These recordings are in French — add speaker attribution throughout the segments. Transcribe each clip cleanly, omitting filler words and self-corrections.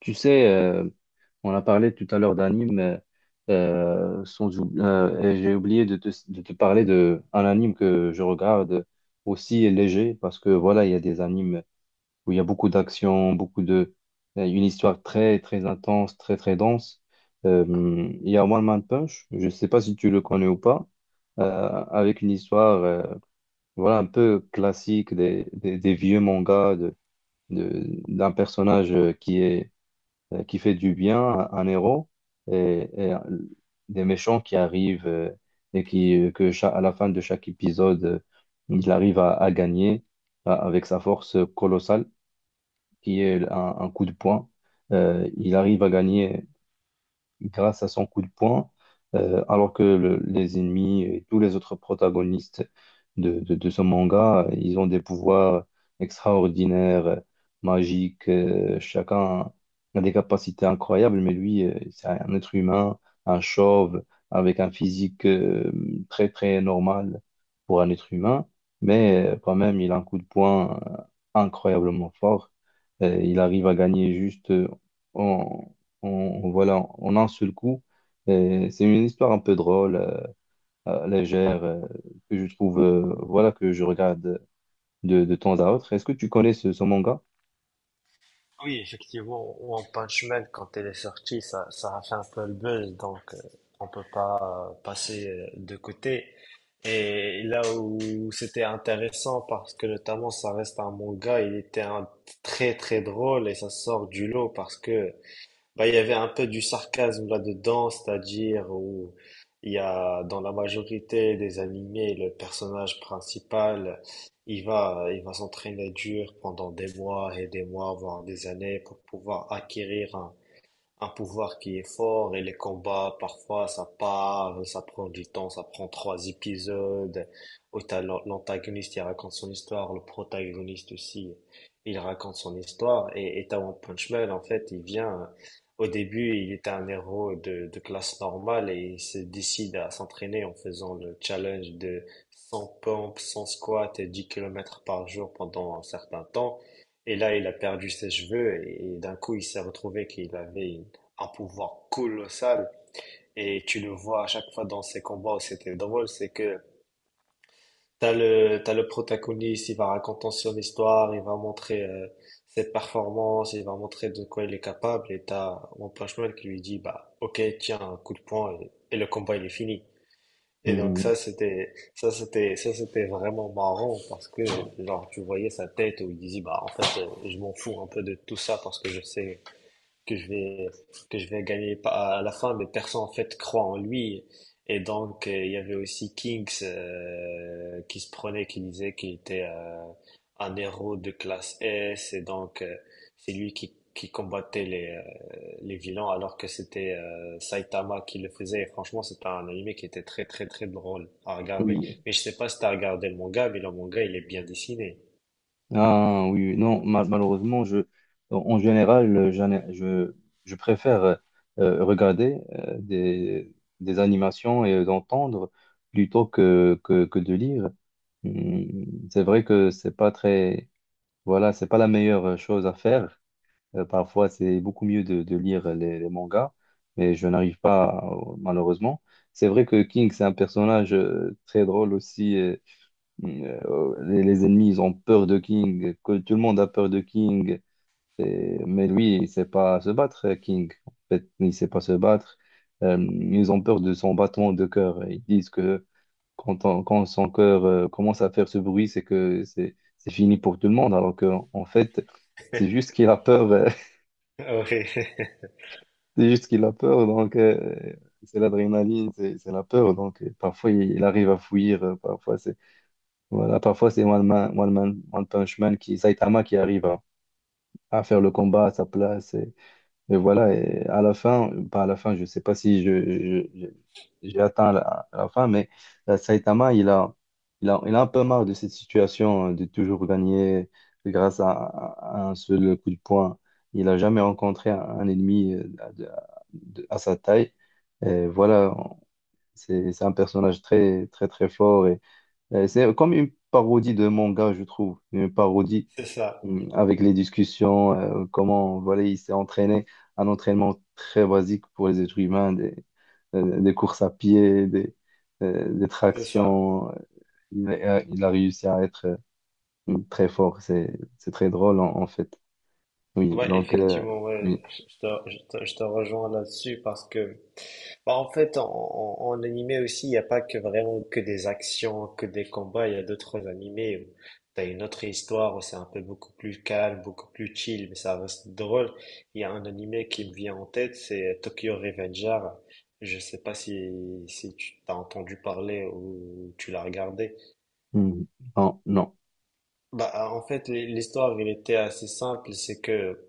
Speaker 1: Tu sais, on a parlé tout à l'heure d'anime, sans et j'ai oublié de te parler d'un anime que je regarde aussi léger, parce que voilà, il y a des animes où il y a beaucoup d'action, une histoire très, très intense, très, très dense. Euh, il y a One Man Punch, je ne sais pas si tu le connais ou pas, avec une histoire, voilà, un peu classique des vieux mangas d'un personnage qui est qui fait du bien à un héros et, des méchants qui arrivent et qui à la fin de chaque épisode il arrive à gagner avec sa force colossale qui est un coup de poing. Il arrive à gagner grâce à son coup de poing, alors que les ennemis et tous les autres protagonistes de ce manga, ils ont des pouvoirs extraordinaires, magiques, chacun a des capacités incroyables, mais lui, c'est un être humain, un chauve, avec un physique très, très normal pour un être humain, mais quand même, il a un coup de poing incroyablement fort. Il arrive à gagner juste... voilà, en un seul coup. Et c'est une histoire un peu drôle, légère, que je trouve, voilà, que je regarde de temps à autre. Est-ce que tu connais ce manga?
Speaker 2: Oui, effectivement, One Punch Man, quand elle est sortie, ça a fait un peu le buzz, donc on peut pas passer de côté. Et là où c'était intéressant, parce que notamment ça reste un manga, très très drôle et ça sort du lot parce que bah, il y avait un peu du sarcasme là-dedans, c'est-à-dire où il y a dans la majorité des animés, le personnage principal, il va s'entraîner dur pendant des mois et des mois, voire des années pour pouvoir acquérir un pouvoir qui est fort et les combats, parfois, ça part, ça prend du temps, ça prend trois épisodes. Où t'as l'antagoniste, il raconte son histoire, le protagoniste aussi, il raconte son histoire. Et t'as One Punch Man, en fait, il vient, au début, il était un héros de classe normale et il se décide à s'entraîner en faisant le challenge de 100 pompes, 100 squats et 10 km par jour pendant un certain temps. Et là, il a perdu ses cheveux et d'un coup, il s'est retrouvé qu'il avait un pouvoir colossal. Et tu le vois à chaque fois dans ces combats où c'était drôle, c'est que t'as le protagoniste, il va raconter son histoire, il va montrer cette performance, il va montrer de quoi il est capable, et t'as One Punch Man qui lui dit, bah, ok, tiens, un coup de poing, et le combat, il est fini. Et donc
Speaker 1: Hmm.
Speaker 2: ça, c'était vraiment marrant, parce que, genre, tu voyais sa tête où il disait, bah, en fait, je m'en fous un peu de tout ça, parce que je sais que je vais que je vais gagner pas à la fin, mais personne en fait croit en lui. Et donc il y avait aussi Kings qui se prenait, qui disait qu'il était un héros de classe S, et donc c'est lui qui combattait les vilains, alors que c'était Saitama qui le faisait. Et franchement, c'était un animé qui était très très très drôle à regarder.
Speaker 1: Oui.
Speaker 2: Mais je sais pas si t'as regardé le manga, mais le manga il est bien dessiné.
Speaker 1: Ah oui, oui. Non, malheureusement, en général, je préfère regarder des animations et d'entendre plutôt que de lire. Hmm. C'est vrai que c'est pas très, voilà, c'est pas la meilleure chose à faire. Parfois, c'est beaucoup mieux de lire les mangas, mais je n'arrive pas, malheureusement. C'est vrai que King, c'est un personnage très drôle aussi. Oh, les ennemis, ils ont peur de King, que tout le monde a peur de King. Mais lui, il ne sait pas se battre, King. En fait, il ne sait pas se battre. Ils ont peur de son battement de cœur. Ils disent que quand son cœur commence à faire ce bruit, c'est que c'est fini pour tout le monde. Alors qu'en fait, c'est juste qu'il a peur. C'est juste qu'il a peur, donc c'est l'adrénaline, c'est la peur. Donc parfois il arrive à fuir, parfois c'est voilà, parfois c'est One Punch Man qui Saitama qui arrive à faire le combat à sa place. Et voilà, et à la fin, pas à la fin, je sais pas si j'ai atteint la fin, mais Saitama, il a un peu marre de cette situation de toujours gagner grâce à un seul coup de poing. Il a jamais rencontré un ennemi de- à sa taille. Et voilà, c'est un personnage très, très, très fort. Et c'est comme une parodie de manga, je trouve. Une parodie.
Speaker 2: Oui, c'est ça,
Speaker 1: Mm, avec les discussions, comment voilà, il s'est entraîné, un entraînement très basique pour les êtres humains, des courses à pied, des
Speaker 2: c'est ça.
Speaker 1: tractions. Il a, il a réussi à être très fort, c'est très drôle en, en fait. Oui,
Speaker 2: Ouais,
Speaker 1: donc,
Speaker 2: effectivement, ouais,
Speaker 1: oui.
Speaker 2: je te rejoins là-dessus parce que, bah, en fait, en animé aussi, il n'y a pas que vraiment que des actions, que des combats, il y a d'autres animés où tu une autre histoire où c'est un peu beaucoup plus calme, beaucoup plus chill, mais ça reste drôle. Il y a un animé qui me vient en tête, c'est Tokyo Revenger. Je sais pas si, si tu t'as entendu parler ou tu l'as regardé.
Speaker 1: Mm. Non, non.
Speaker 2: Bah, en fait, l'histoire, elle était assez simple, c'est que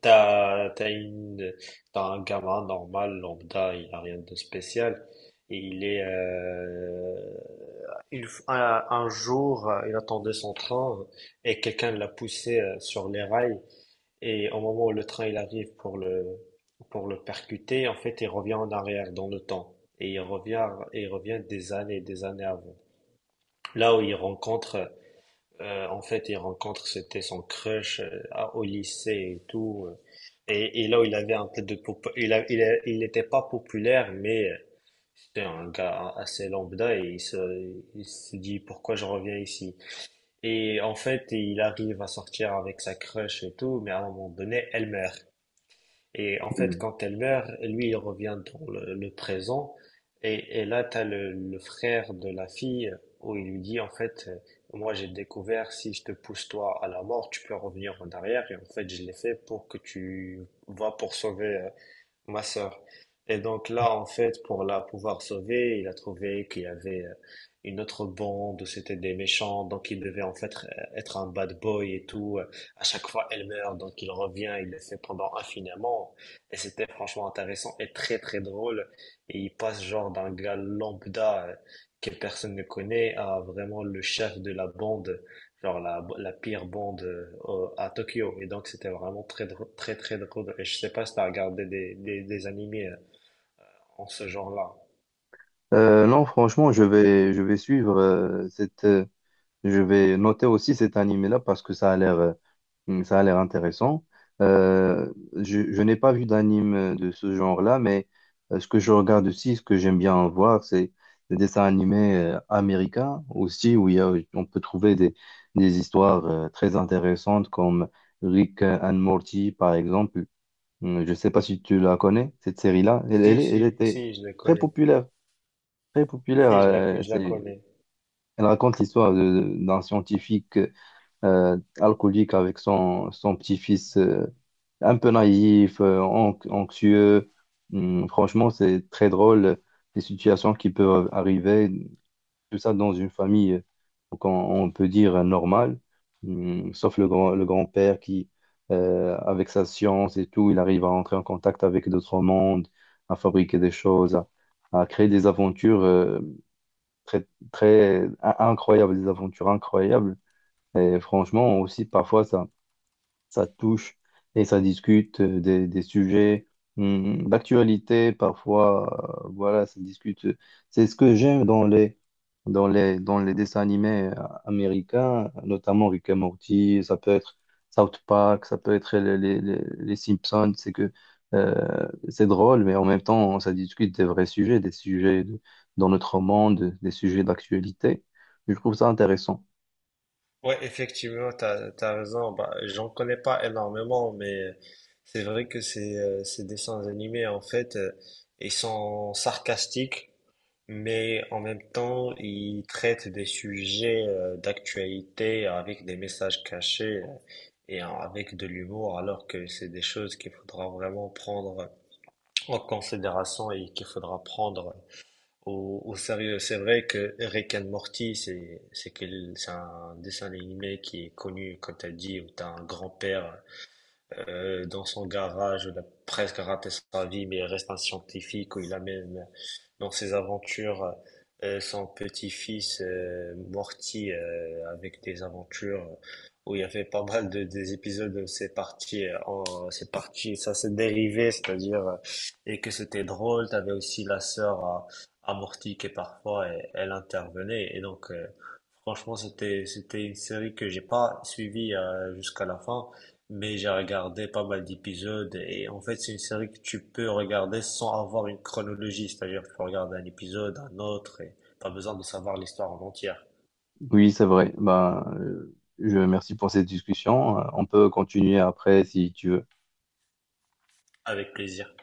Speaker 2: T'as, t'as une, t'as un gamin normal, lambda, il n'a rien de spécial. Et il est, il, un jour, il attendait son train et quelqu'un l'a poussé sur les rails. Et au moment où le train il arrive pour le percuter, en fait, il revient en arrière dans le temps. Et il revient des années et des années avant. Là où il rencontre en fait, c'était son crush au lycée et tout. Et là, il avait un peu de... pop- Il a, il a- il n'était pas populaire, mais c'était un gars assez lambda et il se dit pourquoi je reviens ici. Et en fait, il arrive à sortir avec sa crush et tout, mais à un moment donné, elle meurt. Et en fait,
Speaker 1: Mm.
Speaker 2: quand elle meurt, lui, il revient dans le présent. Et là, tu as le frère de la fille où il lui dit, en fait, moi, j'ai découvert, si je te pousse toi à la mort, tu peux revenir en arrière. Et en fait, je l'ai fait pour que tu vas pour sauver ma sœur. Et donc là, en fait, pour la pouvoir sauver, il a trouvé qu'il y avait une autre bande, c'était des méchants, donc il devait en fait être un bad boy et tout. À chaque fois, elle meurt, donc il revient, il le fait pendant infiniment. Et c'était franchement intéressant et très très drôle. Et il passe genre d'un gars lambda que personne ne connaît à vraiment le chef de la bande genre la pire bande à Tokyo. Et donc, c'était vraiment très, très drôle. Et je sais pas si t'as regardé des animés en ce genre-là.
Speaker 1: Non, franchement, je vais suivre cette. Je vais noter aussi cet animé-là parce que ça a l'air. Hmm. Ça a l'air intéressant. Euh, je n'ai pas vu d'anime de ce genre-là, mais ce que je regarde aussi, ce que j'aime bien voir, c'est les dessins animés américains aussi, où il y a, on peut trouver des histoires très intéressantes comme Rick and Morty, par exemple. Hmm. Je ne sais pas si tu la connais, cette série-là.
Speaker 2: Si,
Speaker 1: Elle
Speaker 2: si,
Speaker 1: était
Speaker 2: si, je le
Speaker 1: très
Speaker 2: connais.
Speaker 1: populaire, très populaire.
Speaker 2: Si, je la, je la connais.
Speaker 1: Elle raconte l'histoire d'un scientifique alcoolique avec son, son petit-fils un peu naïf, anxieux. Franchement, c'est très drôle les situations qui peuvent arriver, tout ça dans une famille, donc on peut dire normale, hum, sauf le grand, le grand-père qui, avec sa science et tout, il arrive à entrer en contact avec d'autres mondes, à fabriquer des choses, à créer des aventures très, incroyables, des aventures incroyables. Et franchement, aussi, parfois, ça touche et ça discute des sujets d'actualité. Parfois, voilà, ça discute. C'est ce que j'aime dans les, dans les, dans les dessins animés américains, notamment Rick et Morty, ça peut être South Park, ça peut être les Simpsons. C'est que c'est drôle, mais en même temps, ça discute des vrais sujets, dans notre monde, des sujets d'actualité. Je trouve ça intéressant.
Speaker 2: Ouais, effectivement, t'as raison. Bah, j'en connais pas énormément, mais c'est vrai que ces dessins animés, en fait, ils sont sarcastiques. Mais en même temps, il traite des sujets d'actualité avec des messages cachés et avec de l'humour, alors que c'est des choses qu'il faudra vraiment prendre en considération et qu'il faudra prendre au sérieux. C'est vrai que Rick and Morty, c'est un dessin animé qui est connu, comme tu as dit, où tu as un grand-père dans son garage, il a presque raté sa vie, mais il reste un scientifique où il amène dans ses aventures son petit-fils Morty avec des aventures où il y avait pas mal de des épisodes où c'est parti en c'est parti ça s'est dérivé c'est-à-dire et que c'était drôle t'avais aussi la sœur à Morty qui parfois elle, elle intervenait et donc Franchement, c'était une série que j'ai pas suivie jusqu'à la fin, mais j'ai regardé pas mal d'épisodes et en fait, c'est une série que tu peux regarder sans avoir une chronologie, c'est-à-dire que tu peux regarder un épisode, un autre et pas besoin de savoir l'histoire en entière.
Speaker 1: Oui, c'est vrai. Ben, je merci pour cette discussion. On peut continuer après si tu veux.
Speaker 2: Avec plaisir.